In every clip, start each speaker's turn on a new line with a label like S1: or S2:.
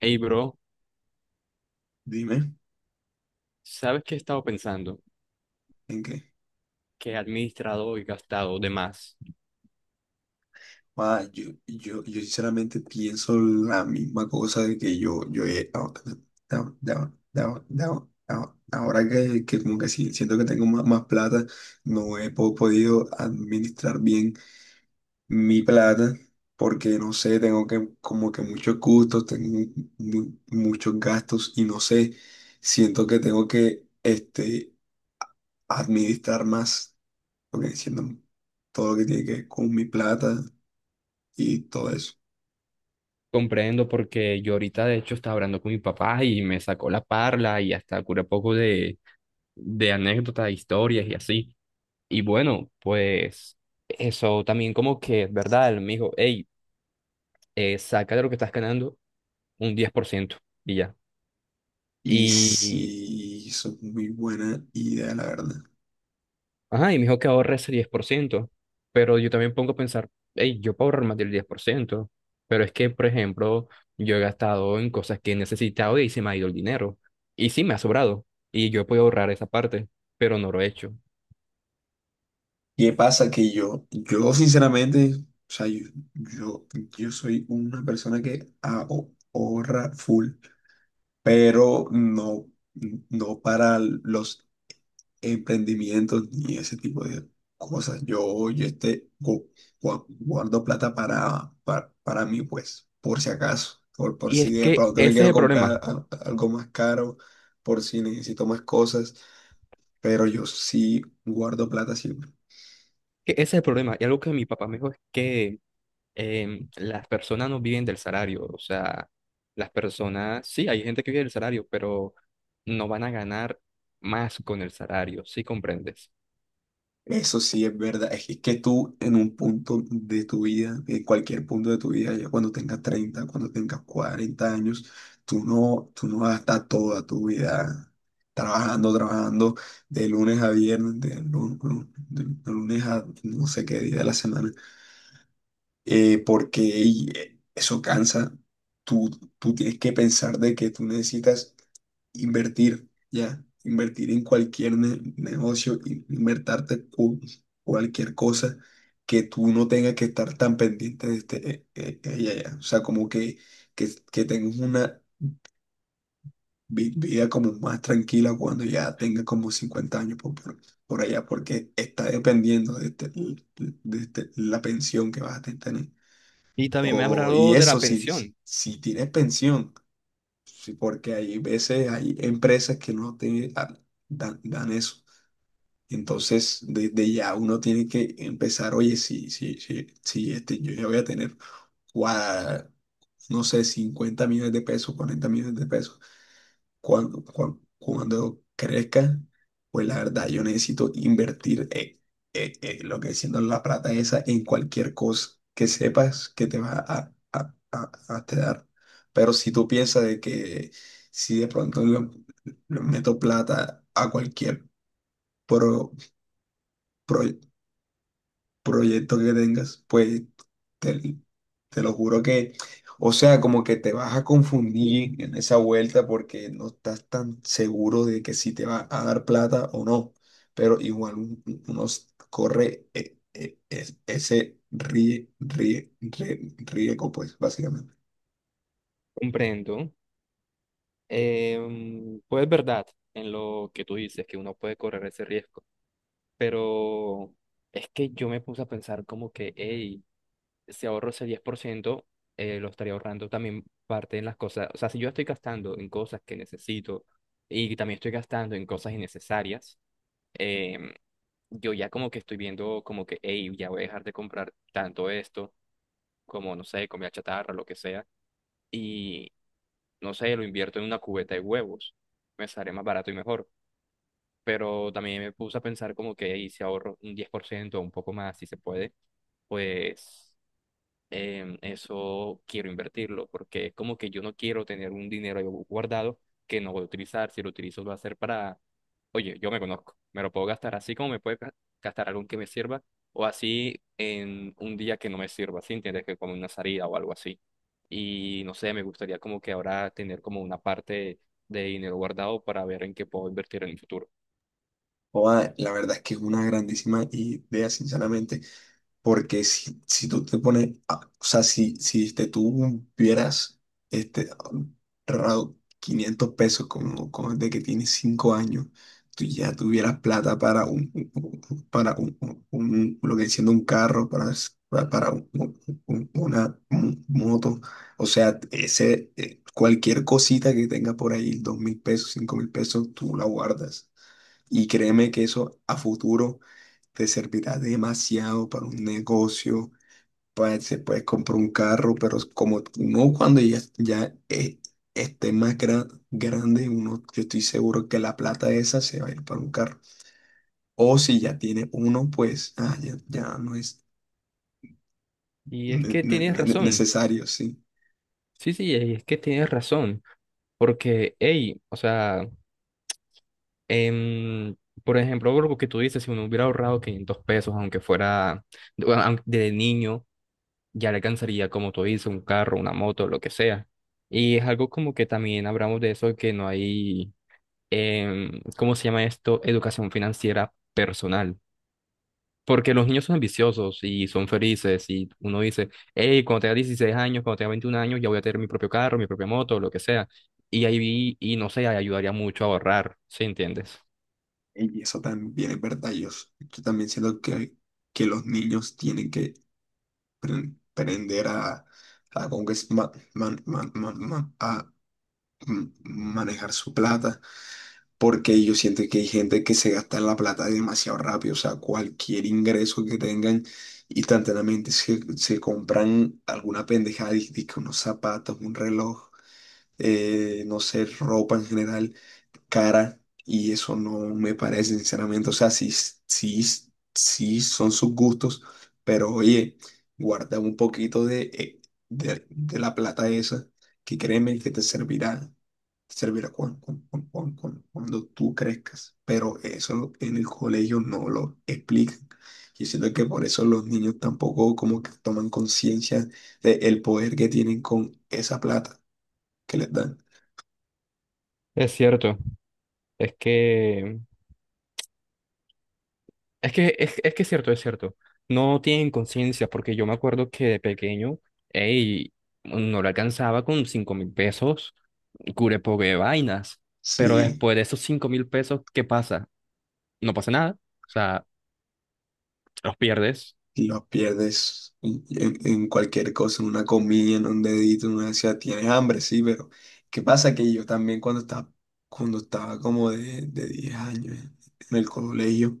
S1: Hey, bro,
S2: Dime,
S1: ¿sabes qué he estado pensando?
S2: ¿en qué?
S1: Que he administrado y gastado de más.
S2: Ah, yo sinceramente pienso la misma cosa de que yo he, ahora, ahora que como que sí, siento que tengo más plata, no he podido administrar bien mi plata porque no sé, tengo que como que muchos gustos, tengo muchos gastos y no sé, siento que tengo que administrar más, porque siento todo lo que tiene que ver con mi plata y todo eso.
S1: Comprendo porque yo ahorita de hecho estaba hablando con mi papá y me sacó la parla y hasta cura poco de anécdotas, historias y así. Y bueno, pues eso también como que es verdad, él me dijo, hey, saca de lo que estás ganando un 10% y ya. Mm.
S2: Y
S1: Y
S2: sí, eso es muy buena idea, la verdad.
S1: Ajá, y me dijo que ahorre ese 10%, pero yo también pongo a pensar, hey, yo puedo ahorrar más del 10%, pero es que, por ejemplo, yo he gastado en cosas que he necesitado y se me ha ido el dinero, y sí me ha sobrado, y yo puedo ahorrar esa parte, pero no lo he hecho.
S2: ¿Qué pasa? Que yo sinceramente, o sea, yo, yo soy una persona que ahorra full, pero no para los emprendimientos ni ese tipo de cosas. Yo este, gu- gua- guardo plata para mí, pues, por si acaso, por
S1: Y
S2: si
S1: es
S2: de
S1: que
S2: pronto me
S1: ese es
S2: quiero
S1: el
S2: comprar
S1: problema,
S2: algo más caro, por si necesito más cosas, pero yo sí guardo plata siempre.
S1: que ese es el problema, y algo que mi papá me dijo es que las personas no viven del salario, o sea, las personas, sí, hay gente que vive del salario, pero no van a ganar más con el salario, ¿sí comprendes?
S2: Eso sí es verdad, es que tú en un punto de tu vida, en cualquier punto de tu vida, ya cuando tengas 30, cuando tengas 40 años, tú no vas a estar toda tu vida trabajando de lunes a viernes, de lunes a no sé qué día de la semana, eso cansa. Tú, tú tienes que pensar de que tú necesitas invertir, ya, invertir en cualquier negocio, invertarte cualquier cosa que tú no tengas que estar tan pendiente de ya, ya. O sea, como que tengas una vida como más tranquila cuando ya tengas como 50 años por allá, porque está dependiendo de la pensión que vas a tener.
S1: Y también me ha
S2: O, y
S1: hablado de
S2: eso,
S1: la
S2: si,
S1: pensión,
S2: si tienes pensión. Sí, porque hay veces, hay empresas que no te dan eso. Entonces, desde ya uno tiene que empezar, oye, si, si, si, si este, yo ya voy a tener, gua- no sé, 50 millones de pesos, 40 millones de pesos cuando crezca, pues la verdad yo necesito invertir lo que siendo la plata esa en cualquier cosa que sepas que te va a te dar. Pero si tú piensas de que si de pronto le meto plata a cualquier pro- proyecto proyecto que tengas, pues te, te lo juro que, o sea, como que te vas a confundir en esa vuelta porque no estás tan seguro de que si te va a dar plata o no, pero igual uno corre ese riesgo, pues básicamente.
S1: comprendo. Pues es verdad en lo que tú dices, que uno puede correr ese riesgo, pero es que yo me puse a pensar como que, hey, si ahorro ese 10%, lo estaría ahorrando también parte en las cosas, o sea, si yo estoy gastando en cosas que necesito y también estoy gastando en cosas innecesarias, em, yo ya como que estoy viendo como que, hey, ya voy a dejar de comprar tanto esto como, no sé, comida chatarra, lo que sea. Y no sé, lo invierto en una cubeta de huevos, me sale más barato y mejor. Pero también me puse a pensar como que "Ey, si ahorro un 10% o un poco más, si se puede, pues eso quiero invertirlo, porque es como que yo no quiero tener un dinero ahí guardado que no voy a utilizar, si lo utilizo lo va a ser para oye, yo me conozco, me lo puedo gastar así como me puede gastar algo que me sirva o así en un día que no me sirva, ¿sí? ¿Entiendes? Que como una salida o algo así. Y no sé, me gustaría como que ahora tener como una parte de dinero guardado para ver en qué puedo invertir en el futuro.
S2: Joda, la verdad es que es una grandísima idea, sinceramente. Porque si tú te pones, o sea, si, si este, tú vieras este, ahorrado 500 pesos como de que tienes 5 años, tú ya tuvieras plata para un- para un, un- lo que siendo un carro, para, s- pa- para un- una mo- moto, o sea, cualquier cosita que tenga por ahí, 2.000 pesos, 5.000 pesos, tú la guardas. Y créeme que eso a futuro te servirá demasiado para un negocio, pues se puede comprar un carro, pero es como no cuando ya esté más grande, uno, yo estoy seguro que la plata esa se va a ir para un carro. O si ya tiene uno, pues ah, ya, ya no es
S1: Y es que tienes razón.
S2: necesario, sí.
S1: Sí, sí, y es que tienes razón. Porque, hey, o sea, em, por ejemplo, lo que tú dices, si uno hubiera ahorrado 500 pesos, aunque fuera bueno, de niño ya le alcanzaría, como tú dices, un carro, una moto, lo que sea. Y es algo como que también hablamos de eso, que no hay, ¿cómo se llama esto? Educación financiera personal. Porque los niños son ambiciosos y son felices y uno dice, hey, cuando tenga 16 años, cuando tenga 21 años, ya voy a tener mi propio carro, mi propia moto, lo que sea. Y ahí vi, y no sé, ahí ayudaría mucho a ahorrar, ¿sí entiendes?
S2: Y eso también es verdad. Yo también siento que los niños tienen que aprender como que es manejar su plata porque yo siento que hay gente que se gasta la plata demasiado rápido, o sea, cualquier ingreso que tengan, instantáneamente se compran alguna pendejada, dizque unos zapatos, un reloj, no sé, ropa en general cara y eso no me parece, sinceramente. O sea, sí, sí, sí son sus gustos, pero oye, guarda un poquito de la plata esa, que créeme que te servirá cuando tú crezcas. Pero eso en el colegio no lo explican. Y siento que por eso los niños tampoco como que toman conciencia del poder que tienen con esa plata que les dan.
S1: Es cierto, es que es cierto, es cierto. No tienen conciencia, porque yo me acuerdo que de pequeño, ey, no le alcanzaba con 5.000 pesos, cure pobre vainas. Pero
S2: Sí.
S1: después de esos 5.000 pesos, ¿qué pasa? No pasa nada. O sea, los pierdes.
S2: Lo pierdes en cualquier cosa, en una comida, en un dedito, en una ansiedad. Tienes hambre, sí, pero ¿qué pasa? Que yo también cuando estaba como de 10 años en el colegio,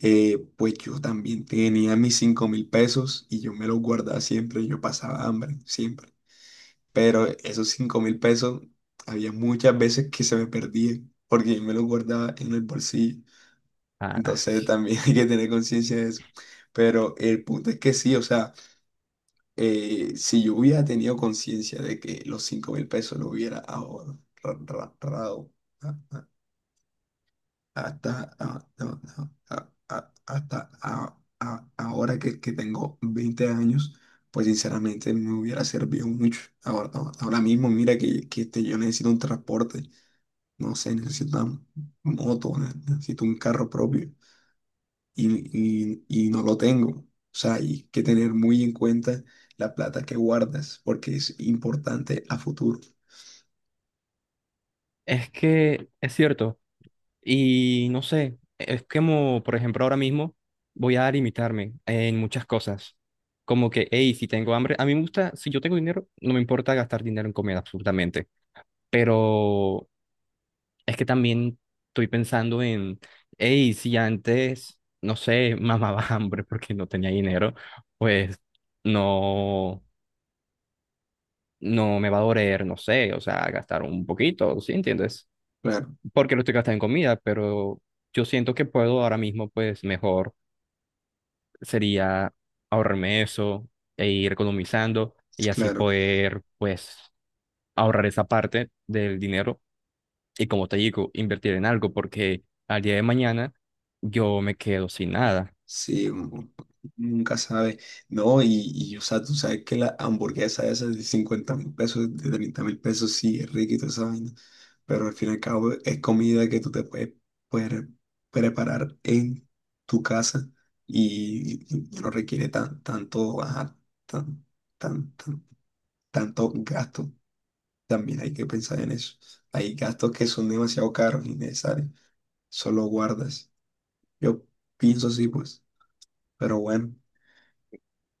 S2: pues yo también tenía mis 5.000 pesos y yo me los guardaba siempre, yo pasaba hambre, siempre. Pero esos 5.000 pesos había muchas veces que se me perdían porque yo me los guardaba en el bolsillo.
S1: Ah,
S2: Entonces también hay que tener conciencia de eso. Pero el punto es que sí, o sea. Si yo hubiera tenido conciencia de que los 5.000 pesos lo hubiera ahorrado ah, ah, hasta, no, no, hasta ahora que, tengo 20 años, pues sinceramente me hubiera servido mucho. Ahora mismo, mira yo necesito un transporte, no sé, necesito una moto, necesito un carro propio y no lo tengo. O sea, hay que tener muy en cuenta la plata que guardas porque es importante a futuro.
S1: es que es cierto. Y no sé, es como, por ejemplo, ahora mismo voy a limitarme en muchas cosas. Como que, hey, si tengo hambre, a mí me gusta, si yo tengo dinero, no me importa gastar dinero en comida, absolutamente. Pero es que también estoy pensando en, hey, si antes, no sé, mamaba hambre porque no tenía dinero, pues no, no me va a doler, no sé, o sea, gastar un poquito, ¿sí entiendes?
S2: Claro,
S1: Porque lo estoy gastando en comida, pero yo siento que puedo ahora mismo, pues mejor sería ahorrarme eso e ir economizando y así
S2: claro.
S1: poder, pues, ahorrar esa parte del dinero. Y como te digo, invertir en algo porque al día de mañana yo me quedo sin nada.
S2: Sí, uno nunca sabe. No, y o sea, tú sabes que la hamburguesa esa de 50.000 pesos, de 30.000 pesos, sí, es rica y toda esa vaina. Pero al fin y al cabo es comida que tú te puedes preparar en tu casa y no requiere ajá, tan, tan, tan- tantos gastos, también hay que pensar en eso. Hay gastos que son demasiado caros, innecesarios, solo guardas. Yo pienso así, pues, pero bueno,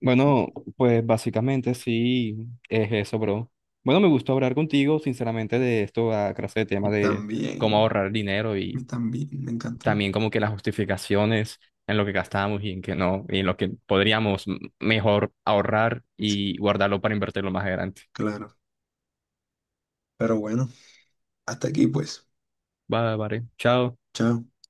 S1: Bueno, pues básicamente sí es eso, bro. Bueno, me gustó hablar contigo, sinceramente, de esto, a clase de
S2: y
S1: tema de... Cómo
S2: también,
S1: ahorrar dinero
S2: y
S1: y
S2: también me encantó,
S1: también como que las justificaciones en lo que gastamos y en que no, y en lo que podríamos mejor ahorrar y guardarlo para invertirlo más adelante.
S2: claro. Pero bueno, hasta aquí, pues.
S1: Vale, vale. Chao.
S2: Chao.